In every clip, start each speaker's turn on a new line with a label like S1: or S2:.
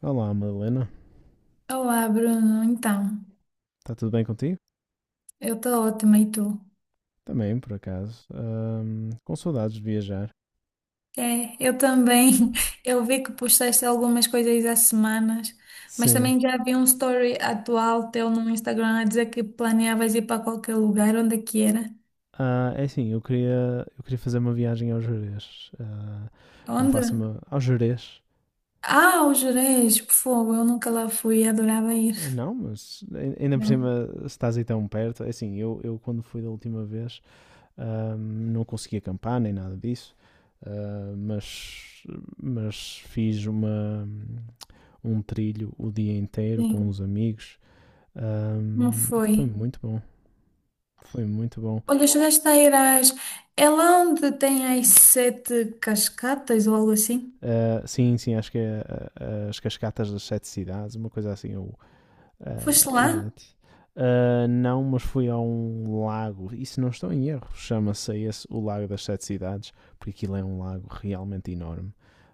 S1: Olá, Madalena.
S2: Olá, Bruno. Então,
S1: Está tudo bem contigo?
S2: eu estou ótima e tu?
S1: Também, por acaso. Com saudades de viajar.
S2: É, eu também. Eu vi que postaste algumas coisas há semanas, mas
S1: Sim.
S2: também já vi um story atual teu no Instagram a dizer que planeavas ir para qualquer lugar, onde é que era?
S1: É assim, eu queria fazer uma viagem ao Jerez. Não
S2: Onde?
S1: faço uma... ao Jerez?
S2: Ah, o Jerez, por fogo, eu nunca lá fui, adorava ir.
S1: Ah, não, mas ainda por
S2: Não,
S1: cima se estás aí tão perto. É assim, eu quando fui da última vez não consegui acampar nem nada disso. Ah, mas fiz uma, um trilho o dia inteiro com
S2: sim,
S1: os amigos.
S2: não
S1: Ahm, Foi
S2: foi.
S1: muito bom. Foi muito bom.
S2: Olha, chegaste a ir às... é lá onde tem as sete cascatas ou algo assim?
S1: Ah, sim, sim, acho que é as Cascatas das Sete Cidades, uma coisa assim. Ou, ah,
S2: Foste lá?
S1: exato. Ah, não, mas fui a um lago, e se não estou em erro, chama-se esse o Lago das Sete Cidades, porque aquilo é um lago realmente enorme.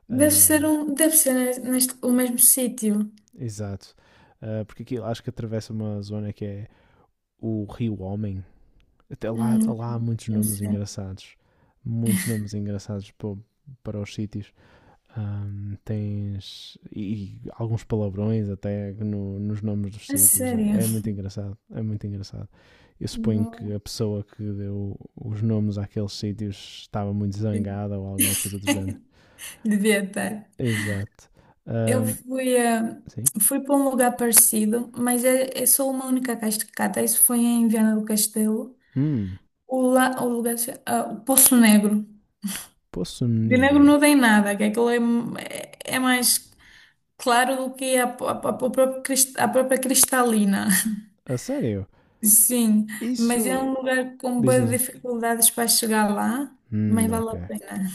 S2: Deve
S1: Ah,
S2: ser neste, o mesmo sítio.
S1: exato. Ah, porque aquilo acho que atravessa uma zona que é o Rio Homem. Até lá,
S2: Hum,
S1: lá há muitos
S2: não
S1: nomes
S2: sei.
S1: engraçados. Muitos nomes engraçados para, para os sítios. Tens e alguns palavrões até nos nomes dos
S2: A
S1: sítios.
S2: sério.
S1: É muito engraçado, é muito engraçado. Eu suponho que
S2: Vou-
S1: a pessoa que deu os nomes àqueles sítios estava muito zangada ou alguma coisa do género.
S2: Devia estar.
S1: Exato.
S2: Eu
S1: Ahm,
S2: fui, a
S1: sim.
S2: Fui para um lugar parecido, mas é só uma única cascata. Isso foi em Viana do Castelo.
S1: Hum,
S2: O, la, o lugar, se- ah, o Poço Negro.
S1: Poço
S2: De negro
S1: Negro.
S2: não tem nada, que aquilo é mais claro do que a própria cristalina.
S1: A sério?
S2: Sim, mas é
S1: Isso.
S2: um lugar com
S1: Diz,
S2: boas
S1: diz.
S2: dificuldades para chegar lá, mas vale
S1: Ok,
S2: a pena.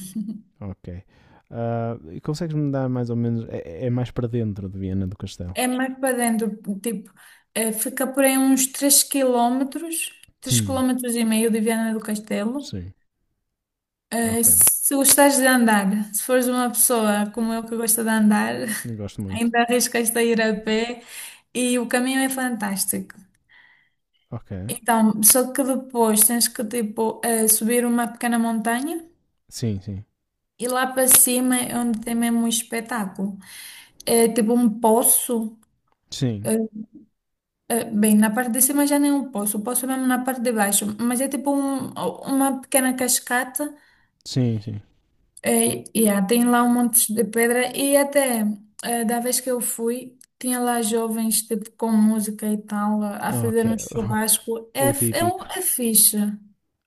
S1: ok. Ah, e consegues-me dar mais ou menos. É, é mais para dentro de Viena do Castelo.
S2: É mais para dentro, tipo, fica por aí uns 3 km, três
S1: Hum,
S2: km e meio de Viana do Castelo.
S1: sim. Ok.
S2: Se gostares de andar, se fores uma pessoa como eu que gosta de andar,
S1: Gosto muito.
S2: ainda arriscas-te a ir a pé e o caminho é fantástico.
S1: Ok.
S2: Então, só que depois tens que, tipo, subir uma pequena montanha.
S1: Sim, sim.
S2: E lá para cima é onde tem mesmo um espetáculo. É tipo um poço.
S1: Sim,
S2: é- é bem, na parte de cima já nem é um poço, o poço é mesmo na parte de baixo. Mas é tipo uma pequena cascata.
S1: sim, sim.
S2: É, e tem lá um monte de pedra. E até, da vez que eu fui, tinha lá jovens tipo com música e tal, a fazer um
S1: Ok.
S2: churrasco. É,
S1: O
S2: f- é, um-
S1: típico.
S2: é fixe.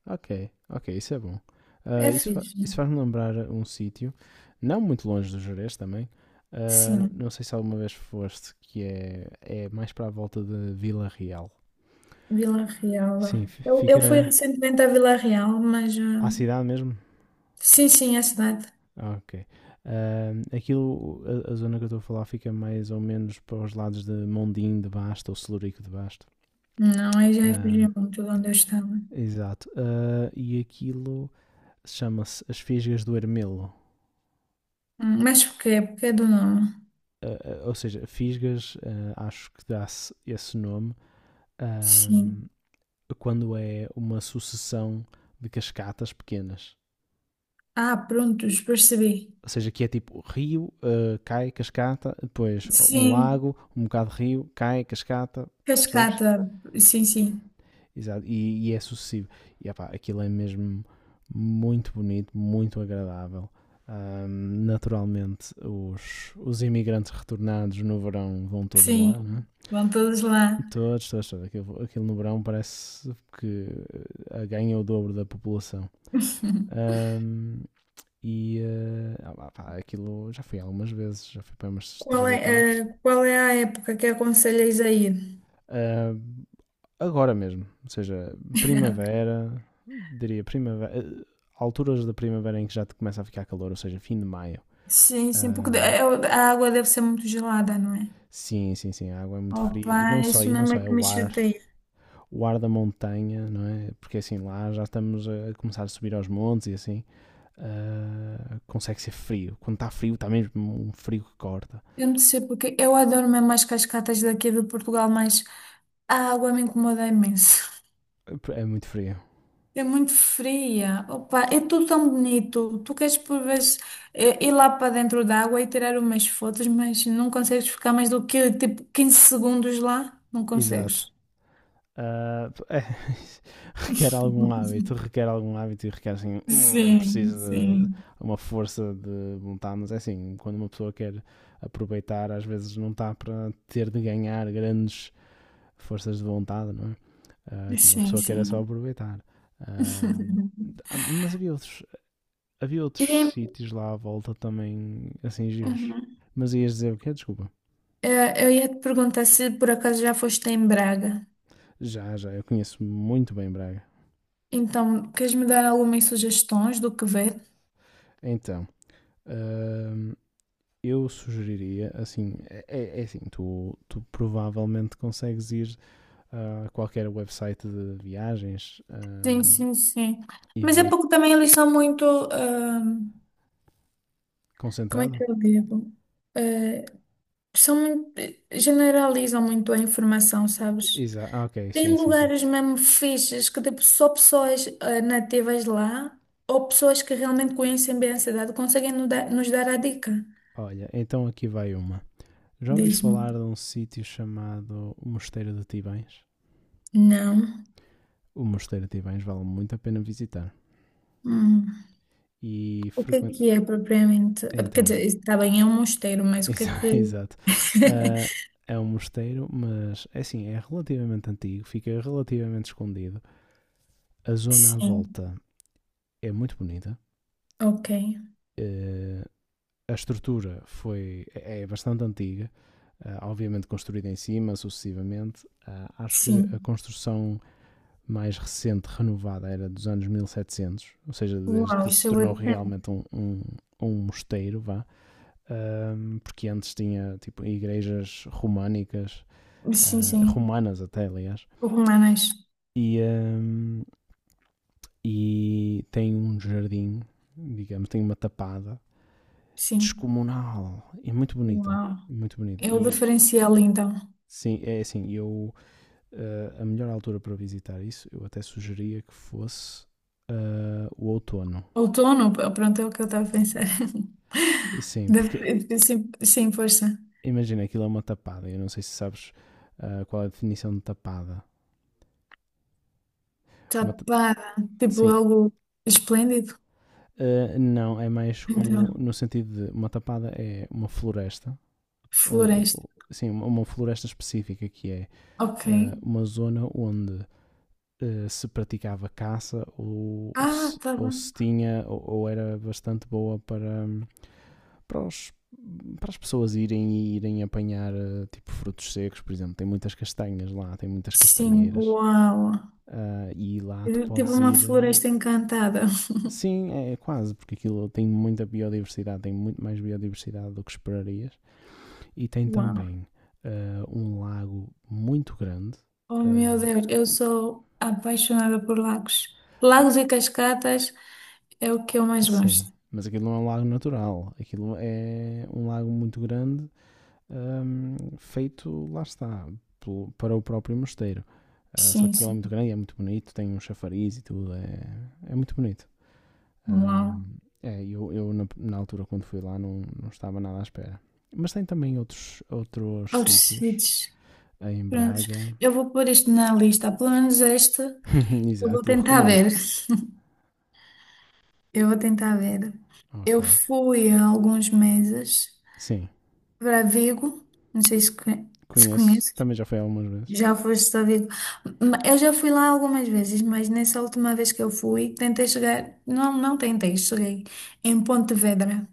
S1: Ok, ok, isso é bom. Ah,
S2: É fixe.
S1: isso faz-me lembrar um sítio, não muito longe do Jerez também. Ah, não
S2: Sim,
S1: sei se alguma vez foste, que é, é mais para a volta de Vila Real.
S2: Vila Real.
S1: Sim,
S2: Eu fui
S1: fica
S2: recentemente à Vila Real, mas.
S1: à cidade mesmo?
S2: Sim, sim, é a cidade.
S1: Ah, ok. Aquilo, a zona que eu estou a falar fica mais ou menos para os lados de Mondim de Basto ou Celurico de Basto.
S2: Não, aí já refugiei
S1: Ahm,
S2: muito de onde eu estava.
S1: exato. Ah, e aquilo chama-se As Fisgas do Ermelo.
S2: Mas por quê? Porque é do nome.
S1: Uh, ou seja, Fisgas, acho que dá-se esse nome, uh,
S2: Sim.
S1: quando é uma sucessão de cascatas pequenas.
S2: Ah, prontos, percebi.
S1: Ou seja, que é tipo rio, cai, cascata, depois um
S2: Sim,
S1: lago, um bocado de rio, cai, cascata, percebes?
S2: cascata. Sim, sim.
S1: Exato, e é sucessivo. E epá, aquilo é mesmo muito bonito, muito agradável. Um, naturalmente, os imigrantes retornados no verão vão todos
S2: Sim,
S1: lá, não é?
S2: vão todos lá.
S1: Todos, todos, todos. Aquilo, aquilo no verão parece que ganha o dobro da população. Ahm, pá, aquilo já fui algumas vezes, já fui para umas
S2: Qual
S1: 3
S2: é,
S1: ou 4.
S2: eh, qual é a época que aconselhas a ir?
S1: Agora mesmo, ou seja, primavera, diria primavera, alturas da primavera em que já te começa a ficar calor, ou seja, fim de maio.
S2: Sim, sim, porque
S1: Ahm,
S2: a água deve ser muito gelada, não é?
S1: Sim, sim, sim, a água é muito fria
S2: Opa, isso
S1: e não
S2: mesmo
S1: só
S2: é
S1: é
S2: que me chateia.
S1: o ar da montanha, não é? Porque assim lá já estamos a começar a subir aos montes e assim, ah, consegue ser frio. Quando está frio, está mesmo um frio que corta.
S2: Eu não sei porque eu adoro mesmo as cascatas daqui de Portugal, mas a água me incomoda imenso.
S1: É muito frio.
S2: É muito fria. Opa, é tudo tão bonito. Tu queres por vezes ir lá para dentro da água e tirar umas fotos, mas não consegues ficar mais do que tipo 15 segundos lá. Não
S1: Exato.
S2: consegues.
S1: Ah, é, requer algum hábito e requer assim,
S2: Sim,
S1: precisa de
S2: sim.
S1: uma força de vontade, mas é assim, quando uma pessoa quer aproveitar, às vezes não está para ter de ganhar grandes forças de vontade, não é? Ah, uma
S2: Sim,
S1: pessoa quer é só
S2: sim.
S1: aproveitar. Ah, ah, mas havia outros havia
S2: E é,
S1: outros sítios lá à volta também, assim, giros.
S2: uhum.
S1: Mas ias dizer o quê? Desculpa.
S2: Eu ia te perguntar se por acaso já foste em Braga.
S1: Já, já, eu conheço muito bem Braga.
S2: Então, queres me dar algumas sugestões do que ver?
S1: Então, hum, eu sugeriria, assim, é assim, tu, tu provavelmente consegues ir a qualquer website de viagens
S2: Sim, sim, sim.
S1: e
S2: Mas é
S1: ver
S2: porque também eles são muito. Como é que
S1: concentrado.
S2: eu digo? Eh, São muito, generalizam muito a informação, sabes?
S1: Exato, ah, ok,
S2: Tem
S1: sim, sim, sim.
S2: lugares mesmo fixes que tipo, só pessoas nativas lá ou pessoas que realmente conhecem bem a cidade conseguem nos dar a dica.
S1: Olha, então aqui vai uma. Já ouviste
S2: Diz-me.
S1: falar de um sítio chamado Mosteiro de Tibães?
S2: Não.
S1: O Mosteiro de Tibães vale muito a pena visitar.
S2: Hum.
S1: E
S2: O
S1: frequente.
S2: que é propriamente? Quer dizer,
S1: Então,
S2: está bem, é um mosteiro, mas o que é que.
S1: exato. Ah, é um mosteiro, mas é assim, é relativamente antigo, fica relativamente escondido. A zona à
S2: Sim,
S1: volta é muito bonita.
S2: ok.
S1: Eh, a estrutura foi, é bastante antiga, ah, obviamente construída em cima sucessivamente. Ah, acho que a
S2: Sim.
S1: construção mais recente, renovada, era dos anos 1700 ou seja, desde
S2: Uau,
S1: que se
S2: isso é
S1: tornou
S2: o tema.
S1: realmente um, um, um mosteiro, vá. Ahm, porque antes tinha tipo igrejas românicas,
S2: Sim,
S1: ah,
S2: sim.
S1: romanas até, aliás,
S2: Romanas.
S1: e, ahm, e tem um jardim, digamos, tem uma tapada
S2: Sim.
S1: descomunal e muito bonita,
S2: Uau.
S1: muito bonita.
S2: É o
S1: E
S2: diferencial, então.
S1: sim, é assim, eu ah, a melhor altura para visitar isso, eu até sugeria que fosse ah, o outono.
S2: Outono, pronto, é o que eu estava a pensar.
S1: E sim, porque
S2: Sim, sim, força.
S1: imagina aquilo é uma tapada, eu não sei se sabes ah, qual é a definição de tapada. Uma
S2: Tapada, tipo
S1: sim,
S2: algo esplêndido.
S1: Não, é mais como
S2: Então,
S1: no sentido de uma tapada é uma floresta, ou
S2: floresta.
S1: sim, uma- floresta específica que é
S2: Ok.
S1: uma zona onde se praticava caça
S2: Ah, tá
S1: ou se
S2: bem.
S1: tinha ou era bastante boa para, para, para as pessoas irem e irem apanhar tipo frutos secos, por exemplo, tem muitas castanhas lá, tem muitas
S2: Sim,
S1: castanheiras.
S2: uau.
S1: Ah, e lá tu
S2: Tipo
S1: podes
S2: uma
S1: ir ah,
S2: floresta encantada.
S1: sim, é quase, porque aquilo tem muita biodiversidade, tem muito mais biodiversidade do que esperarias. E tem
S2: Uau.
S1: também ah, um lago muito grande.
S2: Oh, meu
S1: Ah,
S2: Deus, eu sou apaixonada por lagos. Lagos e cascatas é o que eu mais
S1: sim,
S2: gosto.
S1: mas aquilo não é um lago natural. Aquilo é um lago muito grande, feito, lá está, para o próprio mosteiro. Ah, só
S2: Sim,
S1: que ele é muito
S2: sim.
S1: grande, e é muito bonito, tem um chafariz e tudo, é, é muito bonito.
S2: Uau.
S1: Ahm, eu na altura quando fui lá não, não estava nada à espera. Mas tem também outros, outros
S2: Altos
S1: sítios
S2: sítios.
S1: em
S2: Prontos,
S1: Braga.
S2: eu vou pôr isto na lista, pelo menos este eu vou
S1: Exato, eu
S2: tentar
S1: recomendo.
S2: ver. Eu vou tentar ver.
S1: Ok.
S2: Eu fui há alguns meses
S1: Sim,
S2: para Vigo, não sei se
S1: conheço.
S2: conheces,
S1: Também já fui algumas vezes.
S2: já foste a Vigo. Eu já fui lá algumas vezes, mas nessa última vez que eu fui, tentei chegar, não, não tentei, cheguei em Pontevedra.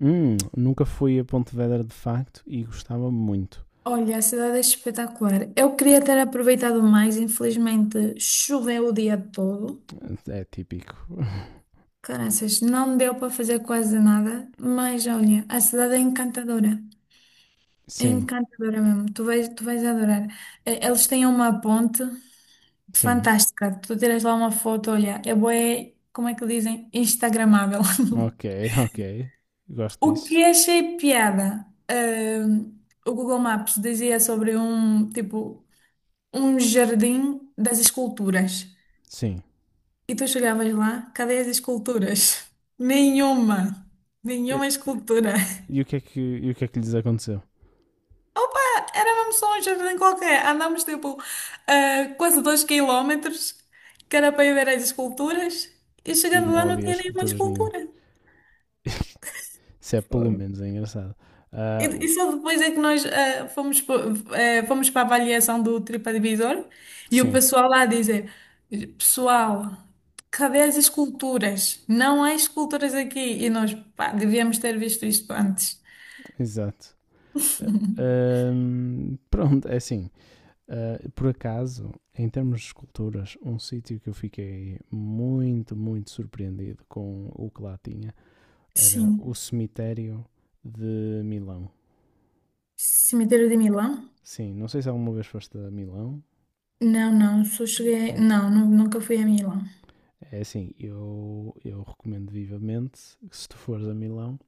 S1: Nunca fui a Pontevedra de facto e gostava muito.
S2: Olha, a cidade é espetacular. Eu queria ter aproveitado mais, infelizmente choveu o dia todo.
S1: É típico.
S2: Caraças, não deu para fazer quase nada, mas olha, a cidade é encantadora. É
S1: Sim,
S2: encantadora mesmo. Tu vais adorar. Eles têm uma ponte
S1: sim.
S2: fantástica. Tu tiras lá uma foto, olha, é bué, como é que dizem? Instagramável.
S1: Ok, ok. Gosto
S2: O que
S1: disso.
S2: achei piada, o Google Maps dizia sobre um, tipo, um jardim das esculturas.
S1: Sim.
S2: E tu chegavas lá, cadê as esculturas? Nenhuma.
S1: E,
S2: Nenhuma escultura.
S1: e o, que é que, e o que é que lhes aconteceu?
S2: Opa, era mesmo só um jardim qualquer. Andámos tipo quase 2 quilómetros, que era para ir ver as esculturas, e
S1: E
S2: chegando lá
S1: não
S2: não
S1: havia
S2: tinha nenhuma
S1: esculturas
S2: escultura.
S1: nenhumas. Isso é pelo
S2: Foi
S1: menos é engraçado.
S2: E,
S1: Ah,
S2: e só depois é que nós fomos para a avaliação do TripAdvisor e o
S1: sim.
S2: pessoal lá dizer: pessoal, cadê as esculturas? Não há esculturas aqui. E nós, pá, devíamos ter visto isto antes.
S1: Exato. Pronto, é assim. Ah, por acaso, em termos de esculturas, um sítio que eu fiquei muito, muito surpreendido com o que lá tinha era
S2: Sim,
S1: o cemitério de Milão.
S2: cemitério de Milão.
S1: Sim, não sei se alguma vez foste a Milão.
S2: Não, não, só cheguei.
S1: Pronto.
S2: Não, nunca fui a Milão.
S1: É assim, eu recomendo vivamente que se tu fores a Milão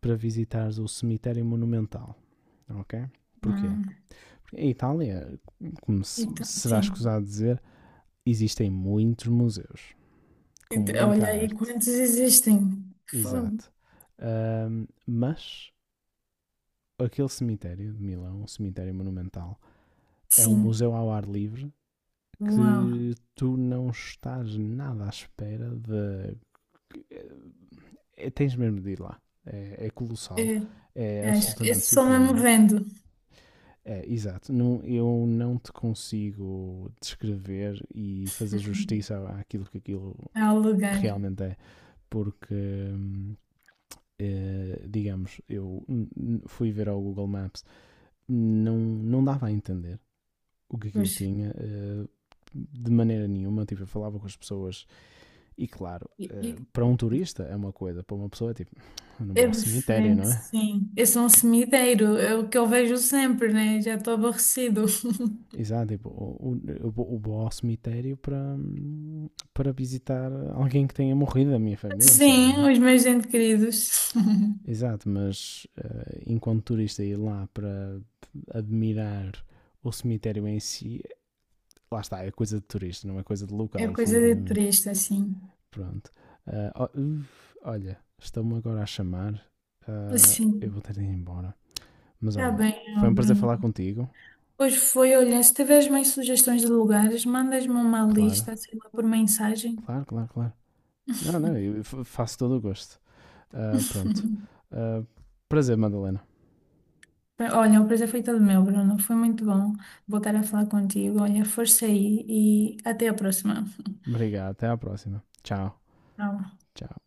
S1: para visitares o cemitério monumental, ok? Porquê?
S2: Hum,
S1: Porque em Itália, como
S2: então,
S1: será
S2: sim.
S1: escusado dizer, existem muitos museus com
S2: Então,
S1: muita
S2: olha aí
S1: arte,
S2: quantos existem. Fogo.
S1: exato. Mas aquele cemitério de Milão, um cemitério monumental, é um
S2: Sim.
S1: museu ao ar livre que
S2: Uau.
S1: tu não estás nada à espera de. É- tens mesmo de ir lá. É, é colossal, é
S2: É, acho que é
S1: absolutamente
S2: só mesmo
S1: surpreendente.
S2: vendo
S1: É, exato. Não, eu não te consigo descrever e fazer justiça àquilo que aquilo
S2: ao lugar.
S1: realmente é, porque digamos, eu fui ver ao Google Maps, não, não dava a entender o que aquilo
S2: Pois.
S1: tinha de maneira nenhuma. Tipo, eu falava com as pessoas e, claro,
S2: E
S1: eh, para um turista é uma coisa, para uma pessoa é tipo, eu não vou
S2: é
S1: ao cemitério,
S2: diferente,
S1: não é?
S2: sim. Esse é um
S1: Tipo,
S2: cemitério, é o que eu vejo sempre, né? Já estou aborrecido.
S1: exato, tipo, eu vou ao cemitério para, para visitar alguém que tenha morrido da minha família, sei lá, não é?
S2: Sim, os meus entes queridos.
S1: Exato, mas eh, enquanto turista ir lá para admirar o cemitério em si lá está, é coisa de turista, não é coisa de
S2: É
S1: local,
S2: coisa de
S1: definitivamente.
S2: turista, assim.
S1: Pronto. Ah, olha, estão-me agora a chamar. Ah, eu
S2: Assim.
S1: vou ter de ir embora. Mas
S2: Está
S1: olha,
S2: bem, ó,
S1: foi um prazer
S2: Bruno.
S1: falar contigo.
S2: Pois foi, olha, se tiveres mais sugestões de lugares, mandas-me uma
S1: Claro,
S2: lista, sei lá, por mensagem.
S1: claro, claro, claro. Não, não, eu faço todo o gosto. Ah, pronto. Ah, prazer, Madalena.
S2: Olha, o prazer foi todo meu, Bruno. Foi muito bom voltar a falar contigo. Olha, força aí e até a próxima.
S1: Obrigado, até à próxima. Tchau,
S2: Tchau.
S1: tchau.